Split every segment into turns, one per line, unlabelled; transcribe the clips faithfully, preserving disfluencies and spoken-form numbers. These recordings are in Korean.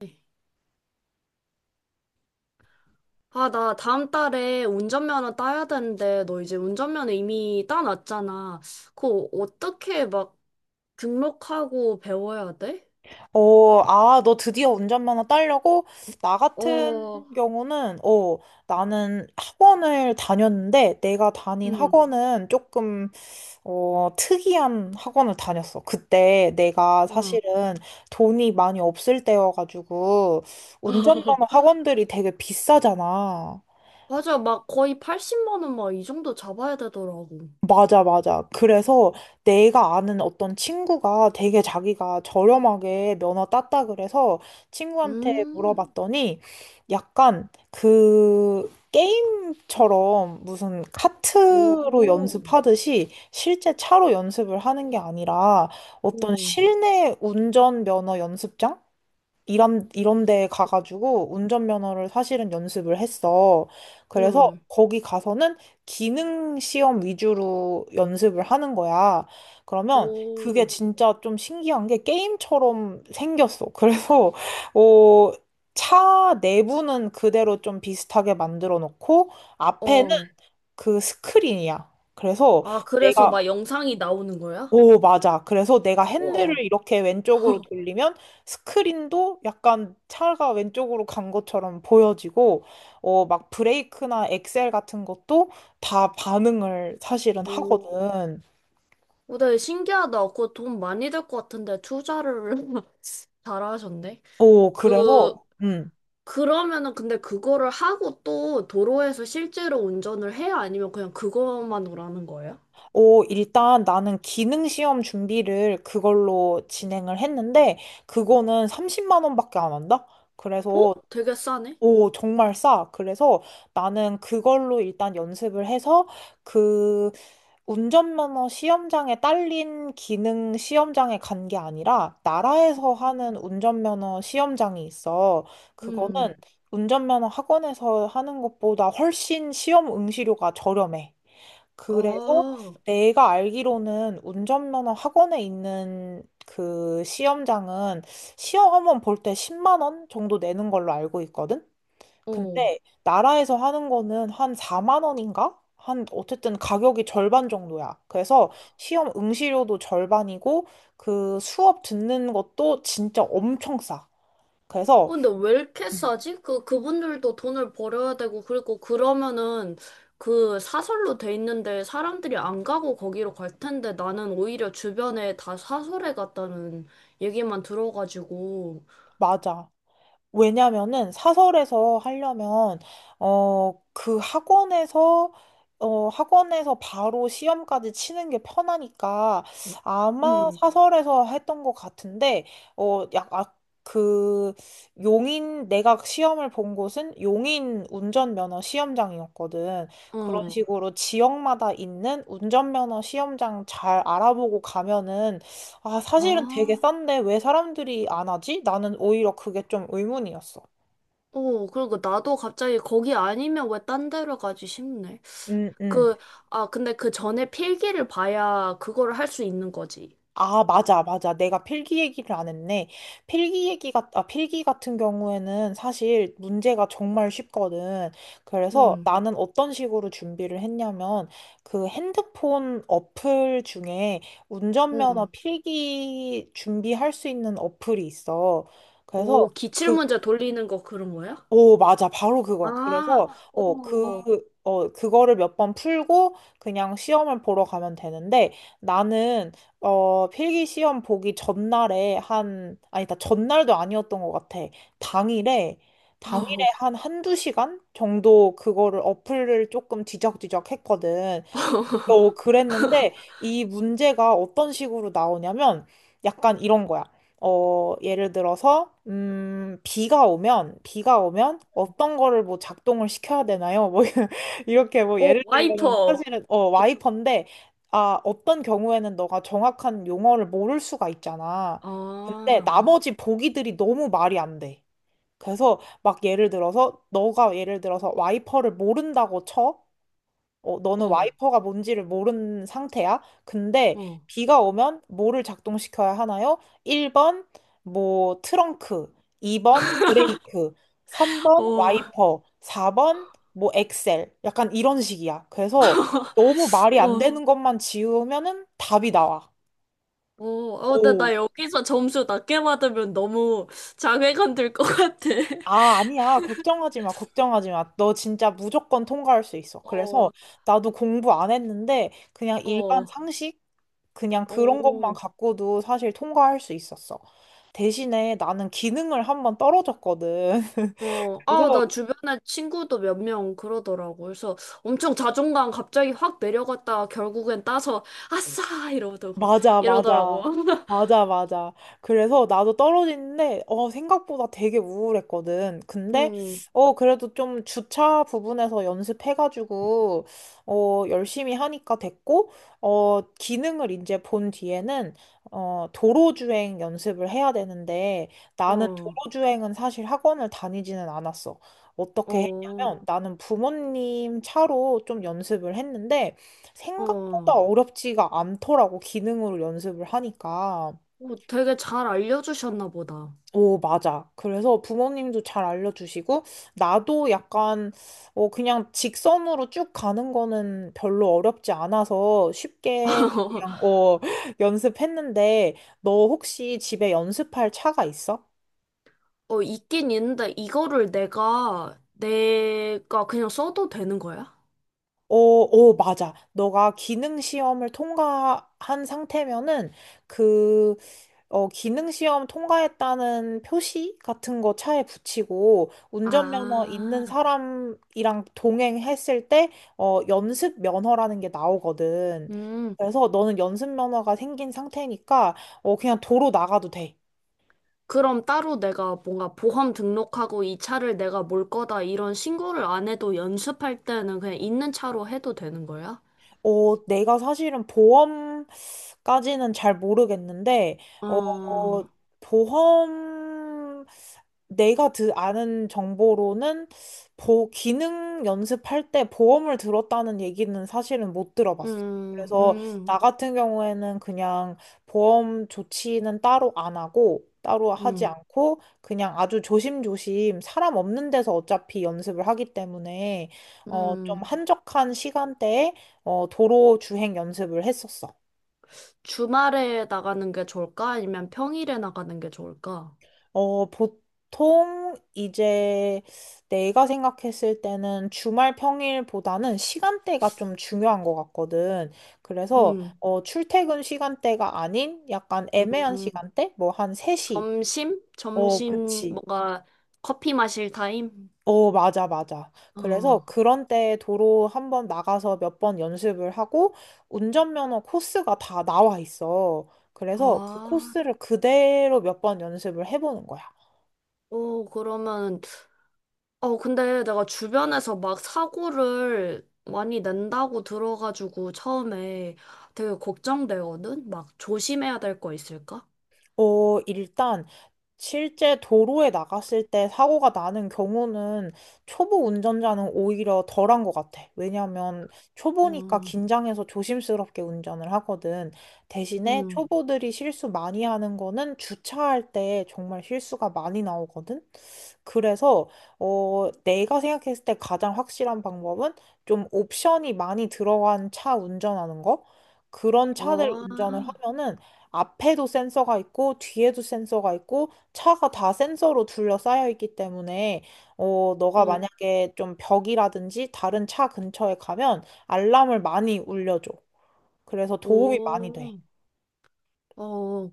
네. 아, 나 다음 달에 운전면허 따야 되는데, 너 이제 운전면허 이미 따놨잖아. 그거 어떻게 막 등록하고 배워야 돼?
어, 아, 너 드디어 운전면허 따려고? 나 같은
어,
경우는, 어, 나는 학원을 다녔는데, 내가 다닌
응,
학원은 조금, 어, 특이한 학원을 다녔어. 그때 내가
응.
사실은 돈이 많이 없을 때여가지고, 운전면허 학원들이 되게 비싸잖아.
맞아, 막 거의 팔십만 원 막 이 정도 잡아야 되더라고.
맞아, 맞아. 그래서 내가 아는 어떤 친구가 되게 자기가 저렴하게 면허 땄다 그래서 친구한테
음,
물어봤더니 약간 그 게임처럼 무슨 카트로
오,
연습하듯이 실제 차로 연습을 하는 게 아니라 어떤
응,
실내 운전 면허 연습장? 이런, 이런 데 가가지고 운전면허를 사실은 연습을 했어. 그래서
응,
거기 가서는 기능 시험 위주로 연습을 하는 거야. 그러면 그게
오,
진짜 좀 신기한 게 게임처럼 생겼어. 그래서, 어, 차 내부는 그대로 좀 비슷하게 만들어 놓고 앞에는
어.
그 스크린이야. 그래서
아, 그래서
내가
막 영상이 나오는 거야?
오, 맞아. 그래서 내가 핸들을
우와,
이렇게 왼쪽으로 돌리면 스크린도 약간 차가 왼쪽으로 간 것처럼 보여지고, 어, 막 브레이크나 엑셀 같은 것도 다 반응을 사실은
오.
하거든.
오, 네, 신기하다. 그거 돈 많이 들 것 같은데, 투자를 잘하셨네.
오, 그래서,
그,
음.
그러면은 근데 그거를 하고 또 도로에서 실제로 운전을 해요? 아니면 그냥 그것만으로 하는 거예요?
오, 일단 나는 기능 시험 준비를 그걸로 진행을 했는데, 그거는 삼십만 원밖에 안 한다?
어?
그래서
되게 싸네?
오, 정말 싸. 그래서 나는 그걸로 일단 연습을 해서 그 운전면허 시험장에 딸린 기능 시험장에 간 게 아니라 나라에서
음.
하는 운전면허 시험장이 있어. 그거는
음,
운전면허 학원에서 하는 것보다 훨씬 시험 응시료가 저렴해. 그래서
아,
내가 알기로는 운전면허 학원에 있는 그 시험장은 시험 한번 볼 때 십만 원 정도 내는 걸로 알고 있거든.
어.
근데 나라에서 하는 거는 한 사만 원인가? 한 어쨌든 가격이 절반 정도야. 그래서 시험 응시료도 절반이고 그 수업 듣는 것도 진짜 엄청 싸. 그래서
근데 왜 이렇게
음.
싸지? 그, 그분들도 돈을 벌어야 되고, 그리고 그러면은 그 사설로 돼 있는데 사람들이 안 가고 거기로 갈 텐데 나는 오히려 주변에 다 사설에 갔다는 얘기만 들어가지고,
맞아. 왜냐면은 사설에서 하려면 어 그 학원에서 어 학원에서 바로 시험까지 치는 게 편하니까 아마
응,
사설에서 했던 것 같은데 어약그 용인 내가 시험을 본 곳은 용인 운전면허 시험장이었거든. 그런
어,
식으로 지역마다 있는 운전면허 시험장 잘 알아보고 가면은 아, 사실은 되게
아,
싼데 왜 사람들이 안 하지? 나는 오히려 그게 좀 의문이었어.
어, 그리고 나도 갑자기 거기 아니면 왜 딴 데로 가지 싶네.
음, 음.
그, 아, 근데 그 전에 필기를 봐야 그거를 할 수 있는 거지.
아, 맞아, 맞아. 내가 필기 얘기를 안 했네. 필기 얘기 같, 아, 필기 같은 경우에는 사실 문제가 정말 쉽거든. 그래서
응,
나는 어떤 식으로 준비를 했냐면 그 핸드폰 어플 중에 운전면허
응.
필기 준비할 수 있는 어플이 있어. 그래서
오, 기출
그
문제 돌리는 거 그런 거야?
오, 맞아. 바로 그거야.
아,
그래서,
어,
어, 어, 그,
어,
어, 그거를 몇 번 풀고 그냥 시험을 보러 가면 되는데 나는, 어, 필기 시험 보기 전날에 한, 아니다, 전날도 아니었던 것 같아. 당일에, 당일에 한 한두 시간 정도 그거를 어플을 조금 뒤적뒤적 했거든. 어, 그랬는데 이 문제가 어떤 식으로 나오냐면 약간 이런 거야. 어, 예를 들어서 음, 비가 오면 비가 오면 어떤 거를 뭐 작동을 시켜야 되나요? 뭐 이렇게 뭐
어,
예를 들면
와이퍼.
사실은 어, 와이퍼인데 아, 어떤 경우에는 너가 정확한 용어를 모를 수가 있잖아.
아,
근데 나머지 보기들이 너무 말이 안 돼. 그래서 막 예를 들어서 너가 예를 들어서 와이퍼를 모른다고 쳐. 어, 너는
어,
와이퍼가 뭔지를 모르는 상태야. 근데
어,
비가 오면 뭐를 작동시켜야 하나요? 일 번 뭐 트렁크, 이 번 브레이크, 삼 번
어,
와이퍼, 사 번 뭐 엑셀. 약간 이런 식이야. 그래서 너무 말이
어,
안
어,
되는 것만 지우면은 답이 나와.
어, 어, 나,
오.
나 여기서 점수 낮게 받으면 너무 자괴감 들 것 같아.
아, 아니야. 걱정하지 마. 걱정하지 마. 너 진짜 무조건 통과할 수 있어. 그래서
어,
나도 공부 안 했는데 그냥 일반
어,
상식 그냥 그런 것만
어,
갖고도 사실 통과할 수 있었어. 대신에 나는 기능을 한번 떨어졌거든.
어. 아,
그래서
나 주변에 친구도 몇 명 그러더라고. 그래서 엄청 자존감 갑자기 확 내려갔다가 결국엔 따서 아싸! 이러더라고.
맞아,
이러더라고.
맞아. 맞아, 맞아. 그래서 나도 떨어지는데, 어, 생각보다 되게 우울했거든. 근데,
음,
어, 그래도 좀 주차 부분에서 연습해가지고, 어, 열심히 하니까 됐고, 어, 기능을 이제 본 뒤에는, 어, 도로주행 연습을 해야 되는데, 나는
어,
도로주행은 사실 학원을 다니지는 않았어. 어떻게
어,
했냐면, 나는 부모님 차로 좀 연습을 했는데, 생각
어.
생각보다 어렵지가 않더라고, 기능으로 연습을 하니까.
오, 되게 잘 알려주셨나 보다.
오, 맞아. 그래서 부모님도 잘 알려주시고, 나도 약간, 어, 그냥 직선으로 쭉 가는 거는 별로 어렵지 않아서 쉽게 그냥, 어, 연습했는데, 너 혹시 집에 연습할 차가 있어?
어, 있긴 있는데 이거를 내가 내가 그냥 써도 되는 거야?
어, 어, 맞아. 너가 기능 시험을 통과한 상태면은 그, 어, 기능 시험 통과했다는 표시 같은 거 차에 붙이고 운전면허
아,
있는 사람이랑 동행했을 때, 어, 연습 면허라는 게 나오거든.
음.
그래서 너는 연습 면허가 생긴 상태니까, 어, 그냥 도로 나가도 돼.
그럼 따로 내가 뭔가 보험 등록하고 이 차를 내가 몰 거다 이런 신고를 안 해도 연습할 때는 그냥 있는 차로 해도 되는 거야?
어, 내가 사실은 보험 까지는 잘 모르겠는데, 어,
어,
보험, 내가 드, 아는 정보로는 보, 기능 연습할 때 보험을 들었다는 얘기는 사실은 못 들어봤어.
음,
그래서 나
음,
같은 경우에는 그냥 보험 조치는 따로 안 하고, 따로 하지
음,
않고, 그냥 아주 조심조심 사람 없는 데서 어차피 연습을 하기 때문에, 어, 좀
음.
한적한 시간대에, 어, 도로 주행 연습을 했었어.
주말에 나가는 게 좋을까? 아니면 평일에 나가는 게 좋을까?
어, 보통 이제 내가 생각했을 때는 주말 평일보다는 시간대가 좀 중요한 것 같거든. 그래서
음,
어, 출퇴근 시간대가 아닌 약간
음,
애매한
음.
시간대? 뭐 한 세 시.
점심?
어,
점심
그치.
뭔가 커피 마실 타임?
어, 맞아, 맞아. 그래서
어.
그런 때 도로 한번 나가서 몇 번 연습을 하고 운전면허 코스가 다 나와 있어. 그래서 그
아,
코스를 그대로 몇 번 연습을 해보는 거야.
어, 그러면 어, 근데 내가 주변에서 막 사고를 많이 낸다고 들어가지고 처음에 되게 걱정되거든? 막 조심해야 될 거 있을까?
어, 일단 실제 도로에 나갔을 때 사고가 나는 경우는 초보 운전자는 오히려 덜한 것 같아. 왜냐하면 초보니까
음,
긴장해서 조심스럽게 운전을 하거든. 대신에
음,
초보들이 실수 많이 하는 거는 주차할 때 정말 실수가 많이 나오거든. 그래서 어, 내가 생각했을 때 가장 확실한 방법은 좀 옵션이 많이 들어간 차 운전하는 거? 그런 차들
어,
운전을 하면은 앞에도 센서가 있고 뒤에도 센서가 있고 차가 다 센서로 둘러싸여 있기 때문에 어, 너가
어,
만약에 좀 벽이라든지 다른 차 근처에 가면 알람을 많이 울려줘. 그래서 도움이 많이 돼.
오, 어,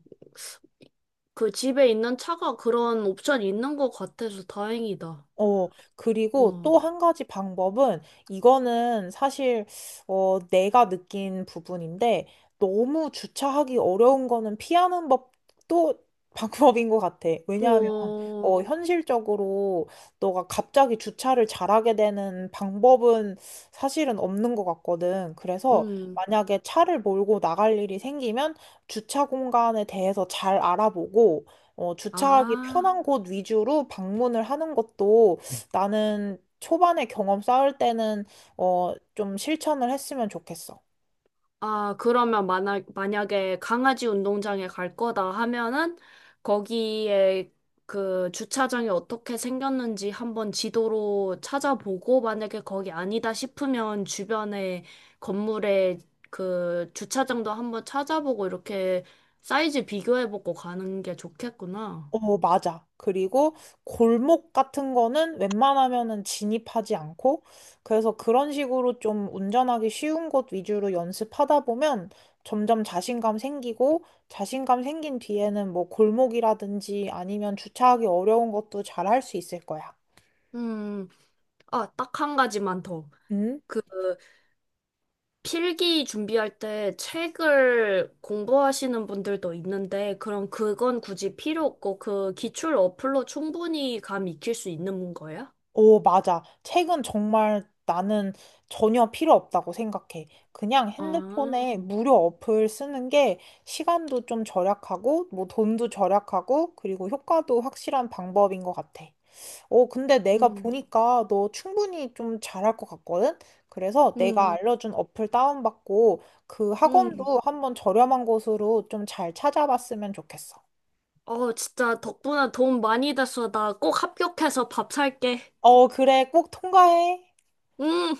그 집에 있는 차가 그런 옵션이 있는 것 같아서 다행이다.
어, 그리고
어,
또 한 가지 방법은, 이거는 사실, 어, 내가 느낀 부분인데, 너무 주차하기 어려운 거는 피하는 법도 방법인 것 같아. 왜냐하면,
어,
어, 현실적으로 너가 갑자기 주차를 잘하게 되는 방법은 사실은 없는 것 같거든. 그래서
음.
만약에 차를 몰고 나갈 일이 생기면 주차 공간에 대해서 잘 알아보고, 어, 주차하기
아,
편한 곳 위주로 방문을 하는 것도 나는 초반에 경험 쌓을 때는, 어, 좀 실천을 했으면 좋겠어.
아, 그러면 만약, 만약에 강아지 운동장에 갈 거다 하면은 거기에 그 주차장이 어떻게 생겼는지 한번 지도로 찾아보고 만약에 거기 아니다 싶으면 주변에 건물에 그 주차장도 한번 찾아보고 이렇게 사이즈 비교해보고 가는 게 좋겠구나.
어, 맞아. 그리고 골목 같은 거는 웬만하면은 진입하지 않고, 그래서 그런 식으로 좀 운전하기 쉬운 곳 위주로 연습하다 보면 점점 자신감 생기고, 자신감 생긴 뒤에는 뭐 골목이라든지 아니면 주차하기 어려운 것도 잘할 수 있을 거야.
음, 아, 딱 한 가지만 더.
음.
그 필기 준비할 때 책을 공부하시는 분들도 있는데, 그럼 그건 굳이 필요 없고, 그 기출 어플로 충분히 감 익힐 수 있는 거야?
오, 맞아. 책은 정말 나는 전혀 필요 없다고 생각해. 그냥
아,
핸드폰에 무료 어플 쓰는 게 시간도 좀 절약하고, 뭐 돈도 절약하고, 그리고 효과도 확실한 방법인 것 같아. 오, 근데 내가
음,
보니까 너 충분히 좀 잘할 것 같거든? 그래서 내가 음.
음,
알려준 어플 다운받고, 그
음.
학원도 한번 저렴한 곳으로 좀 잘 찾아봤으면 좋겠어.
어, 진짜 덕분에 도움 많이 됐어. 나 꼭 합격해서 밥 살게.
어, 그래. 꼭 통과해.
음.